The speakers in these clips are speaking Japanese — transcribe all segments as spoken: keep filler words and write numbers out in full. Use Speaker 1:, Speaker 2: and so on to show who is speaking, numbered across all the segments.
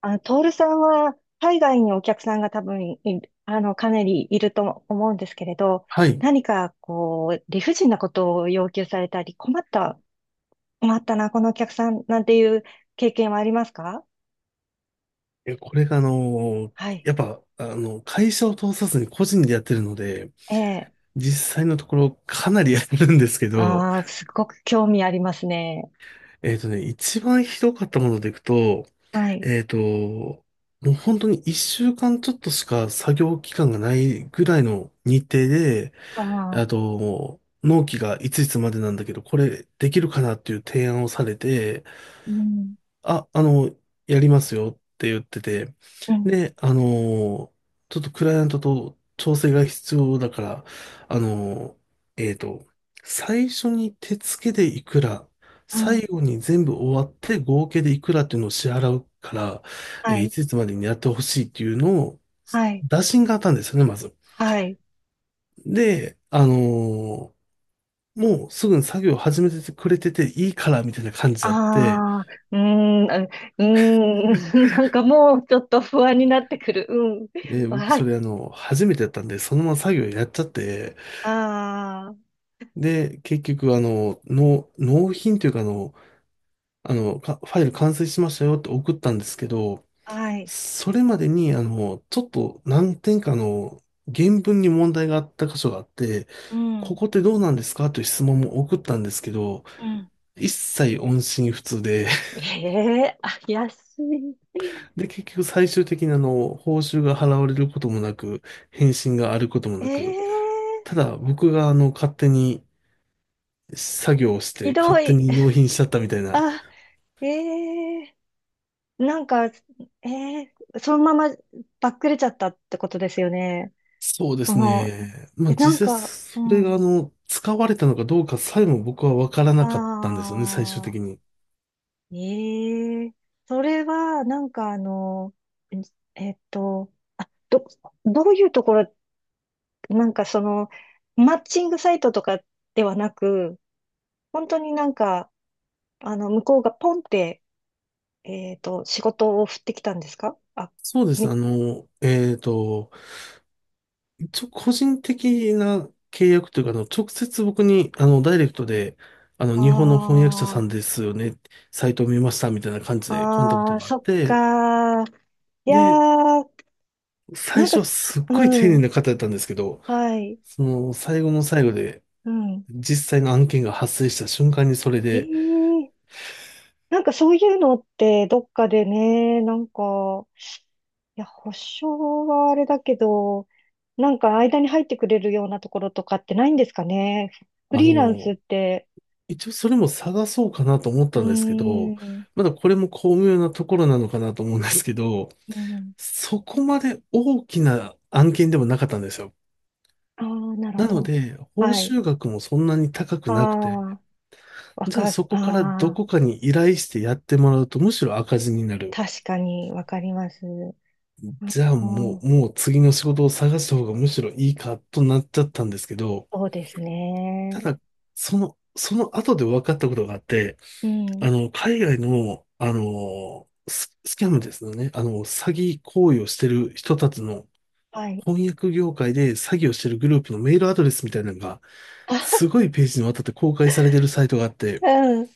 Speaker 1: あ、トールさんは海外にお客さんが多分い、あの、かなりいると思うんですけれど、
Speaker 2: はい。い
Speaker 1: 何かこう、理不尽なことを要求されたり、困った、困ったな、このお客さんなんていう経験はありますか？
Speaker 2: や、これがあの、
Speaker 1: はい。
Speaker 2: やっぱ、あの、会社を通さずに個人でやってるので、
Speaker 1: ええ。
Speaker 2: 実際のところかなりやるんですけど、
Speaker 1: ああ、すごく興味ありますね。
Speaker 2: えっとね、一番ひどかったものでいくと、
Speaker 1: はい。
Speaker 2: えっと、もう本当にいっしゅうかんちょっとしか作業期間がないぐらいの日程で、
Speaker 1: あ
Speaker 2: あ
Speaker 1: あ、
Speaker 2: と、納期がいついつまでなんだけど、これできるかなっていう提案をされて、
Speaker 1: うん、
Speaker 2: あ、あの、やりますよって言ってて、
Speaker 1: うん、
Speaker 2: で、あの、ちょっとクライアントと調整が必要だから、あの、えっと、最初に手付けでいくら、
Speaker 1: うん。
Speaker 2: 最後に全部終わって合計でいくらっていうのを支払うから、え
Speaker 1: は
Speaker 2: ーい
Speaker 1: い、
Speaker 2: ついつまでにやってほしいっていうのを、
Speaker 1: はい、
Speaker 2: 打診があったんですよね、まず。
Speaker 1: はい。
Speaker 2: で、あのーもうすぐに作業を始めてくれてていいからみたいな感じ
Speaker 1: あ
Speaker 2: だって、
Speaker 1: あ、うーん、うーん、なんかもうちょっと不安になってくる。うん。
Speaker 2: で、僕
Speaker 1: は
Speaker 2: そ
Speaker 1: い。
Speaker 2: れあの、初めてやったんで、そのまま作業やっちゃって、
Speaker 1: あ
Speaker 2: で、結局あの、納、納品というかあの、あの、か、ファイル完成しましたよって送ったんですけど、
Speaker 1: あ、はい。
Speaker 2: それまでにあの、ちょっと何点かの原文に問題があった箇所があって、
Speaker 1: う
Speaker 2: こ
Speaker 1: ん、
Speaker 2: こってどうなんですかという質問も送ったんですけど、
Speaker 1: うん。
Speaker 2: 一切音信不通で、
Speaker 1: ええ、あ、安い。
Speaker 2: で、結局最終的にあの、報酬が払われることもなく、返信があることもな
Speaker 1: え
Speaker 2: く、
Speaker 1: え、
Speaker 2: ただ僕があの、勝手に作業をし
Speaker 1: ひ
Speaker 2: て勝
Speaker 1: ど
Speaker 2: 手
Speaker 1: い。
Speaker 2: に納品しちゃったみたいな。
Speaker 1: あ、ええ、なんか、ええ、そのままばっくれちゃったってことですよね。
Speaker 2: そうです
Speaker 1: もう、
Speaker 2: ね。まあ
Speaker 1: え、なん
Speaker 2: 実際
Speaker 1: か、
Speaker 2: そ
Speaker 1: う
Speaker 2: れが
Speaker 1: ん。
Speaker 2: あの、使われたのかどうかさえも僕はわから
Speaker 1: あ
Speaker 2: なかったんですよね、最終的
Speaker 1: あ、
Speaker 2: に。
Speaker 1: ええ、それは、なんかあの、ええっと、あ、ど、どういうところ、なんかその、マッチングサイトとかではなく、本当になんか、あの、向こうがポンって、えっと、仕事を振ってきたんですかあ？
Speaker 2: そうです。
Speaker 1: み、
Speaker 2: あの、えっと、一応個人的な契約というか、あの、直接僕に、あの、ダイレクトで、あの、日本の翻
Speaker 1: あ
Speaker 2: 訳者さん
Speaker 1: ー、
Speaker 2: ですよね、サイトを見ましたみたいな感じでコンタク
Speaker 1: あ
Speaker 2: ト
Speaker 1: ー、
Speaker 2: があっ
Speaker 1: そっ
Speaker 2: て、
Speaker 1: かー。いや
Speaker 2: で、
Speaker 1: ー、な
Speaker 2: 最
Speaker 1: んか
Speaker 2: 初はすっごい
Speaker 1: う
Speaker 2: 丁寧
Speaker 1: ん、
Speaker 2: な方だったんですけど、
Speaker 1: はい、
Speaker 2: その、最後の最後で、
Speaker 1: うん。
Speaker 2: 実際の案件が発生した瞬間にそれ
Speaker 1: え
Speaker 2: で、
Speaker 1: ー、なんかそういうのってどっかでね、なんか、いや、保証はあれだけど、なんか間に入ってくれるようなところとかってないんですかね？フ
Speaker 2: あ
Speaker 1: リーランス
Speaker 2: の、
Speaker 1: って、
Speaker 2: 一応それも探そうかなと思っ
Speaker 1: う
Speaker 2: たんですけ
Speaker 1: ー
Speaker 2: ど、
Speaker 1: ん、
Speaker 2: まだこれも巧妙なところなのかなと思うんですけど、
Speaker 1: うん。
Speaker 2: そこまで大きな案件でもなかったんですよ。
Speaker 1: ああ、なるほ
Speaker 2: なの
Speaker 1: ど。
Speaker 2: で、報
Speaker 1: はい。
Speaker 2: 酬額もそんなに高く
Speaker 1: あ
Speaker 2: なくて、
Speaker 1: あ、わ
Speaker 2: じゃあ
Speaker 1: か、
Speaker 2: そ
Speaker 1: あ
Speaker 2: こからど
Speaker 1: あ、
Speaker 2: こかに依頼してやってもらうとむしろ赤字になる。
Speaker 1: 確かにわかります。あ
Speaker 2: じゃあも
Speaker 1: あ、
Speaker 2: う、もう次の仕事を探した方がむしろいいかとなっちゃったんですけど、
Speaker 1: そうです
Speaker 2: た
Speaker 1: ね。
Speaker 2: だ、その、その後で分かったことがあって、
Speaker 1: うん。
Speaker 2: あの、海外の、あの、ス、スキャムですよね。あの、詐欺行為をしてる人たちの
Speaker 1: はい。
Speaker 2: 翻訳業界で詐欺をしてるグループのメールアドレスみたいなのが、
Speaker 1: あ、
Speaker 2: すごいページにわたって公開されてるサイトがあって、
Speaker 1: うん。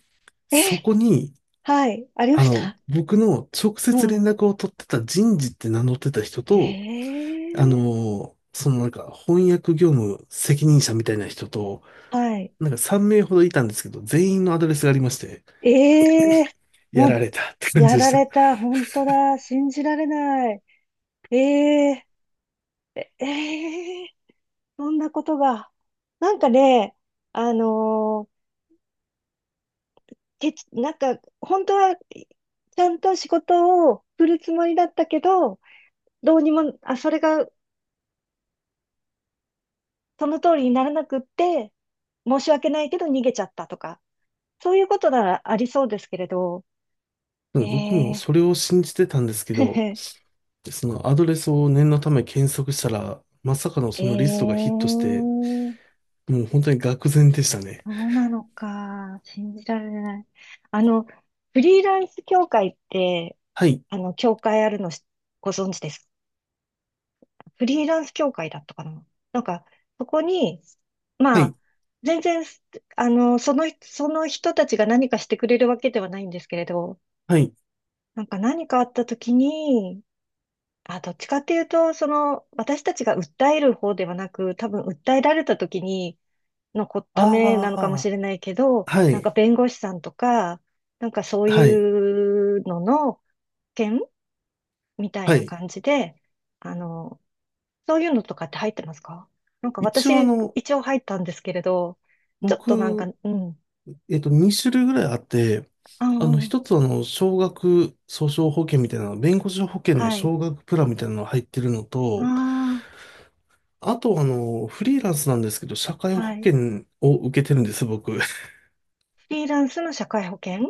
Speaker 2: そ
Speaker 1: え、
Speaker 2: こに、
Speaker 1: はい。ありま
Speaker 2: あ
Speaker 1: し
Speaker 2: の、
Speaker 1: た。
Speaker 2: 僕の直
Speaker 1: う
Speaker 2: 接連
Speaker 1: ん。
Speaker 2: 絡を取ってた人事って名乗ってた人と、
Speaker 1: え
Speaker 2: あ
Speaker 1: え、
Speaker 2: の、そのなんか翻訳業務責任者みたいな人と、
Speaker 1: はい。
Speaker 2: なんかさんめい名ほどいたんですけど、全員のアドレスがありまして、
Speaker 1: ええ、
Speaker 2: や
Speaker 1: も
Speaker 2: ら
Speaker 1: う、
Speaker 2: れたって感
Speaker 1: や
Speaker 2: じでし
Speaker 1: ら
Speaker 2: た。
Speaker 1: れた。本当だ。信じられない。ええ、ええ、そんなことが。なんかね、あのーてつ、なんか、本当は、ちゃんと仕事を振るつもりだったけど、どうにも、あ、それがその通りにならなくって、申し訳ないけど逃げちゃったとか、そういうことならありそうですけれど、
Speaker 2: な
Speaker 1: え
Speaker 2: んか僕も
Speaker 1: え。
Speaker 2: それを信じてたんですけど、そのアドレスを念のため検索したら、まさかの
Speaker 1: ええ、
Speaker 2: そのリストがヒットして、もう本当に愕然でしたね。
Speaker 1: そうなのか、信じられない。あの、フリーランス協会って、
Speaker 2: はい、
Speaker 1: あの、協会あるのしご存知です？フリーランス協会だったかな。なんか、そこに、
Speaker 2: は
Speaker 1: まあ、
Speaker 2: い、
Speaker 1: 全然、あの、その、その人たちが何かしてくれるわけではないんですけれど、
Speaker 2: はい。
Speaker 1: なんか何かあった時に、あ、どっちかっていうと、その、私たちが訴える方ではなく、多分訴えられた時に、のこ、ためなのかもし
Speaker 2: あ
Speaker 1: れないけど、
Speaker 2: あ、は
Speaker 1: なんか
Speaker 2: い、
Speaker 1: 弁護士さんとか、なんかそう
Speaker 2: はい、
Speaker 1: いうのの件みたい
Speaker 2: は
Speaker 1: な
Speaker 2: い。
Speaker 1: 感じで、あの、そういうのとかって入ってますか？なんか
Speaker 2: 一応あ
Speaker 1: 私、
Speaker 2: の、
Speaker 1: 一応入ったんですけれど、ちょっとなんか、
Speaker 2: 僕、
Speaker 1: うん。
Speaker 2: えっと、にしゅるい種類ぐらいあって、
Speaker 1: あ
Speaker 2: あの、
Speaker 1: あ、
Speaker 2: 一つはあの、少額訴訟保険みたいな、弁護士保険の
Speaker 1: はい。
Speaker 2: 少額プランみたいなのが入ってるの
Speaker 1: あ
Speaker 2: と、あとあの、フリーランスなんですけど、社会
Speaker 1: あ、
Speaker 2: 保
Speaker 1: はい。
Speaker 2: 険を受けてるんです、僕。
Speaker 1: フリーランスの社会保険？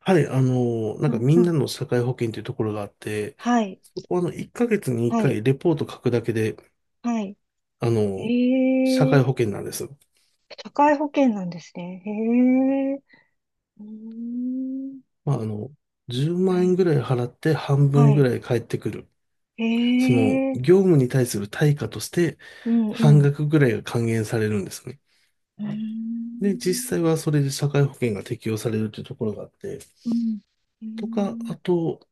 Speaker 2: はい、あの、なん
Speaker 1: う
Speaker 2: か
Speaker 1: ん
Speaker 2: み
Speaker 1: う
Speaker 2: ん
Speaker 1: ん。
Speaker 2: なの社会保険というところがあって、
Speaker 1: はい。
Speaker 2: そこはあの、いっかげつに1
Speaker 1: はい。
Speaker 2: 回レポート書くだけで、
Speaker 1: は
Speaker 2: あ
Speaker 1: い。
Speaker 2: の、社会
Speaker 1: え
Speaker 2: 保
Speaker 1: え、
Speaker 2: 険なんです。
Speaker 1: 社会保険なんですね。へえ。うーん。
Speaker 2: まあ、あの、10
Speaker 1: は
Speaker 2: 万円
Speaker 1: い。
Speaker 2: ぐらい払って半分
Speaker 1: は
Speaker 2: ぐ
Speaker 1: い。
Speaker 2: らい返ってくる。
Speaker 1: へ
Speaker 2: その、
Speaker 1: え。
Speaker 2: 業務に対する対価として、
Speaker 1: うんう
Speaker 2: 半
Speaker 1: ん。う
Speaker 2: 額ぐらいが還元されるんですね。
Speaker 1: ー
Speaker 2: で、実際
Speaker 1: ん。
Speaker 2: はそれで社会保険が適用されるというところがあって、
Speaker 1: うん。うー
Speaker 2: とか、
Speaker 1: ん、
Speaker 2: あと、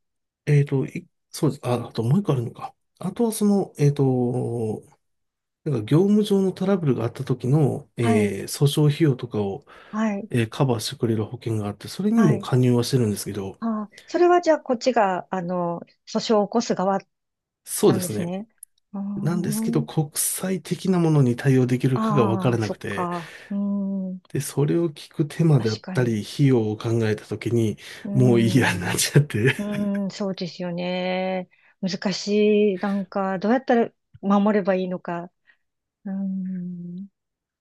Speaker 2: えっと、いそうです。あ、あともう一個あるのか。あとはその、えっと、なんか業務上のトラブルがあった時の、
Speaker 1: はい。
Speaker 2: えー訴訟費用とかを、
Speaker 1: はい。
Speaker 2: えーカバーしてくれる保険があって、それに
Speaker 1: は
Speaker 2: も
Speaker 1: い。
Speaker 2: 加入はしてるんですけど、
Speaker 1: ああ、それはじゃあこっちが、あの、訴訟を起こす側
Speaker 2: そう
Speaker 1: な
Speaker 2: で
Speaker 1: んで
Speaker 2: す
Speaker 1: す
Speaker 2: ね。
Speaker 1: ね。あ
Speaker 2: なんです
Speaker 1: ー、
Speaker 2: けど、国際的なものに対応できるかが分か
Speaker 1: ああ、
Speaker 2: らな
Speaker 1: そ
Speaker 2: く
Speaker 1: っ
Speaker 2: て、
Speaker 1: か。うん、
Speaker 2: で、それを聞く手間だっ
Speaker 1: 確か
Speaker 2: た
Speaker 1: に。
Speaker 2: り、費用を考えた時に、
Speaker 1: う
Speaker 2: もういいやに
Speaker 1: ん、
Speaker 2: なっ
Speaker 1: う
Speaker 2: ちゃって。
Speaker 1: ん、そうですよね。難しい。なんか、どうやったら守ればいいのか。うん、ね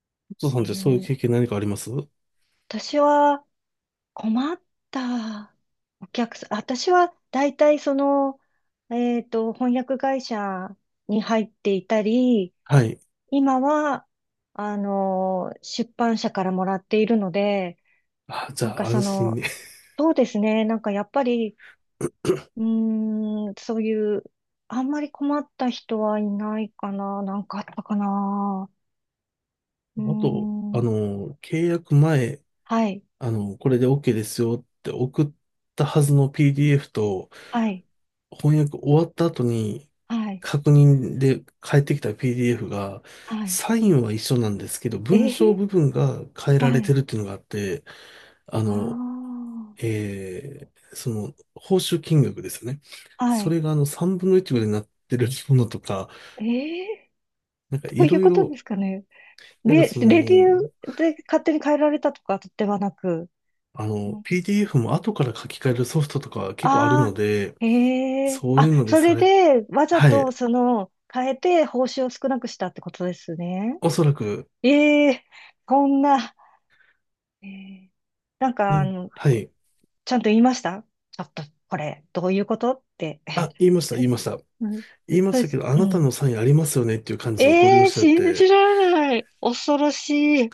Speaker 2: お父さ
Speaker 1: え
Speaker 2: んってそういう
Speaker 1: ー。
Speaker 2: 経験何かあります？
Speaker 1: 私は困ったお客さん、私は大体その、えっと、翻訳会社に入っていたり、
Speaker 2: はい。
Speaker 1: 今は、あの、出版社からもらっているので、
Speaker 2: あ、じ
Speaker 1: なん
Speaker 2: ゃ
Speaker 1: か
Speaker 2: あ
Speaker 1: そ
Speaker 2: 安心
Speaker 1: の、
Speaker 2: ね。
Speaker 1: そうですね、なんかやっぱり、うーん、そういう、あんまり困った人はいないかな、なんかあったかな。うー
Speaker 2: あと、あ
Speaker 1: ん、
Speaker 2: の、契約前、
Speaker 1: はい、
Speaker 2: あの、これで OK ですよって送ったはずの ピーディーエフ と、
Speaker 1: はい、
Speaker 2: 翻訳終わった後に、
Speaker 1: はい、
Speaker 2: 確認で返ってきた ピーディーエフ が、
Speaker 1: はい。
Speaker 2: サインは一緒なんですけど、
Speaker 1: え
Speaker 2: 文章
Speaker 1: ー、
Speaker 2: 部分が変えら
Speaker 1: は
Speaker 2: れて
Speaker 1: い、
Speaker 2: るっていうのがあって、あの、
Speaker 1: あ
Speaker 2: えーその、報酬金額ですよね。
Speaker 1: あ、は
Speaker 2: そ
Speaker 1: い。
Speaker 2: れがあの、さんぶんのいちぐらいになってるものとか、
Speaker 1: ええ
Speaker 2: なんか
Speaker 1: ー、ど
Speaker 2: い
Speaker 1: ういう
Speaker 2: ろい
Speaker 1: ことで
Speaker 2: ろ、
Speaker 1: すかね。
Speaker 2: なんか
Speaker 1: で、
Speaker 2: そ
Speaker 1: レビュ
Speaker 2: の、
Speaker 1: ーで勝手に変えられたとかではなく。
Speaker 2: あ
Speaker 1: う
Speaker 2: の、
Speaker 1: ん、
Speaker 2: ピーディーエフ も後から書き換えるソフトとか結構あるの
Speaker 1: ああ、
Speaker 2: で、
Speaker 1: へえ。
Speaker 2: そうい
Speaker 1: あ、
Speaker 2: うので
Speaker 1: そ
Speaker 2: さ
Speaker 1: れ
Speaker 2: れ、
Speaker 1: で、わざ
Speaker 2: はい、
Speaker 1: と、その、変えて、報酬を少なくしたってことですね。
Speaker 2: おそらく、
Speaker 1: ええ、こんな、ええ、なん
Speaker 2: で
Speaker 1: か、あ
Speaker 2: も、
Speaker 1: の、
Speaker 2: はい。
Speaker 1: ちゃんと言いました？ちょっと、これ、どういうことって。
Speaker 2: あ、言いました、言い ました。
Speaker 1: うん、そ
Speaker 2: 言いま
Speaker 1: う
Speaker 2: し
Speaker 1: で
Speaker 2: たけ
Speaker 1: す。
Speaker 2: ど、あ
Speaker 1: う
Speaker 2: なた
Speaker 1: ん。
Speaker 2: のサインありますよねっていう感じのご利用
Speaker 1: ええ、
Speaker 2: 者だっ
Speaker 1: 信じ
Speaker 2: て、
Speaker 1: られない。恐ろしい。す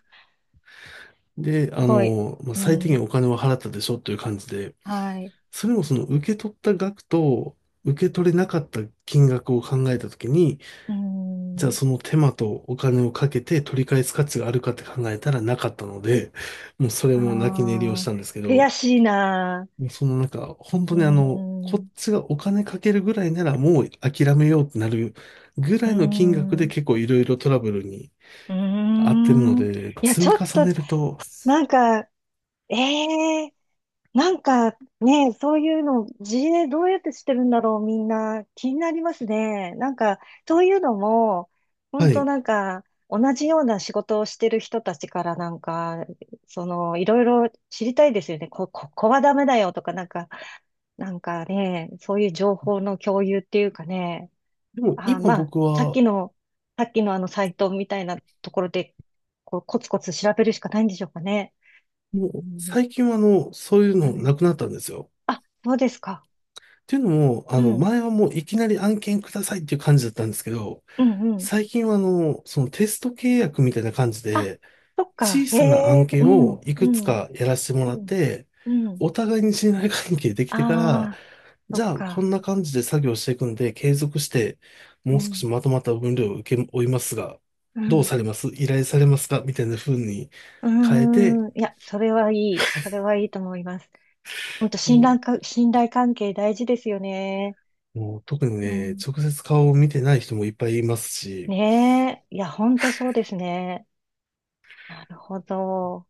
Speaker 2: で、あ
Speaker 1: ごい。
Speaker 2: の、まあ、
Speaker 1: う
Speaker 2: 最低
Speaker 1: ん。
Speaker 2: 限お金は払ったでしょっていう感じで、
Speaker 1: はい。
Speaker 2: それもその受け取った額と受け取れなかった金額を考えたときに、
Speaker 1: う
Speaker 2: じゃあ
Speaker 1: ん。
Speaker 2: その手間とお金をかけて取り返す価値があるかって考えたらなかったので、もうそれ
Speaker 1: あ
Speaker 2: も泣き寝入りをし
Speaker 1: あ、
Speaker 2: たんですけど、
Speaker 1: 悔しいな。
Speaker 2: もうそのなんか、本当
Speaker 1: う
Speaker 2: にあの、こっ
Speaker 1: ん。
Speaker 2: ちがお金かけるぐらいならもう諦めようってなるぐ
Speaker 1: う
Speaker 2: らいの金額で
Speaker 1: ん。
Speaker 2: 結構いろいろトラブルに
Speaker 1: うー
Speaker 2: 合ってるの
Speaker 1: ん。い
Speaker 2: で、
Speaker 1: や、
Speaker 2: 積
Speaker 1: ち
Speaker 2: み
Speaker 1: ょっ
Speaker 2: 重
Speaker 1: と、
Speaker 2: ねると、
Speaker 1: なんか、ええ、なんかね、そういうの、自衛どうやってしてるんだろう、みんな。気になりますね。なんか、そういうのも、
Speaker 2: は
Speaker 1: 本当
Speaker 2: い。
Speaker 1: なんか、同じような仕事をしてる人たちからなんか、その、いろいろ知りたいですよね。こ、ここはダメだよとか、なんか、なんかね、そういう情報の共有っていうかね。
Speaker 2: でも
Speaker 1: あー、
Speaker 2: 今
Speaker 1: まあ、
Speaker 2: 僕
Speaker 1: さっ
Speaker 2: は、
Speaker 1: きの、さっきのあのサイトみたいなところで、こう、コツコツ調べるしかないんでしょうかね？
Speaker 2: も
Speaker 1: う
Speaker 2: う
Speaker 1: ん、
Speaker 2: 最近はあの、そういう
Speaker 1: は
Speaker 2: の
Speaker 1: い。
Speaker 2: なくなったんですよ。
Speaker 1: あ、そうですか？
Speaker 2: っていうのも、あ
Speaker 1: う
Speaker 2: の、
Speaker 1: ん、
Speaker 2: 前はもういきなり案件くださいっていう感じだったんですけど、
Speaker 1: うん、うん。
Speaker 2: 最近はあの、そのテスト契約みたいな感じ
Speaker 1: あ、
Speaker 2: で、
Speaker 1: そっ
Speaker 2: 小
Speaker 1: か。へ
Speaker 2: さな案
Speaker 1: え、う
Speaker 2: 件
Speaker 1: ん、
Speaker 2: をい
Speaker 1: う
Speaker 2: くつ
Speaker 1: ん、
Speaker 2: かやらせても
Speaker 1: う
Speaker 2: らっ
Speaker 1: ん、
Speaker 2: て、
Speaker 1: うん。
Speaker 2: お互いに信頼関係でき
Speaker 1: あ
Speaker 2: てから、
Speaker 1: あ、そ
Speaker 2: じ
Speaker 1: っ
Speaker 2: ゃあこ
Speaker 1: か。
Speaker 2: んな感じで作業していくんで、継続して、
Speaker 1: う
Speaker 2: もう少し
Speaker 1: ん、
Speaker 2: まとまった分量を受け負いますが、
Speaker 1: う
Speaker 2: どう
Speaker 1: ん。
Speaker 2: されます依頼されますかみたいな風に
Speaker 1: う
Speaker 2: 変えて、
Speaker 1: ーん。いや、それはいい。それはいいと思います。本当
Speaker 2: も
Speaker 1: 信
Speaker 2: う
Speaker 1: 頼か、信頼関係大事ですよね。
Speaker 2: もう特に
Speaker 1: う
Speaker 2: ね、
Speaker 1: ん。
Speaker 2: 直接顔を見てない人もいっぱいいますし、
Speaker 1: ねえ。いや、本当そうですね。なるほど。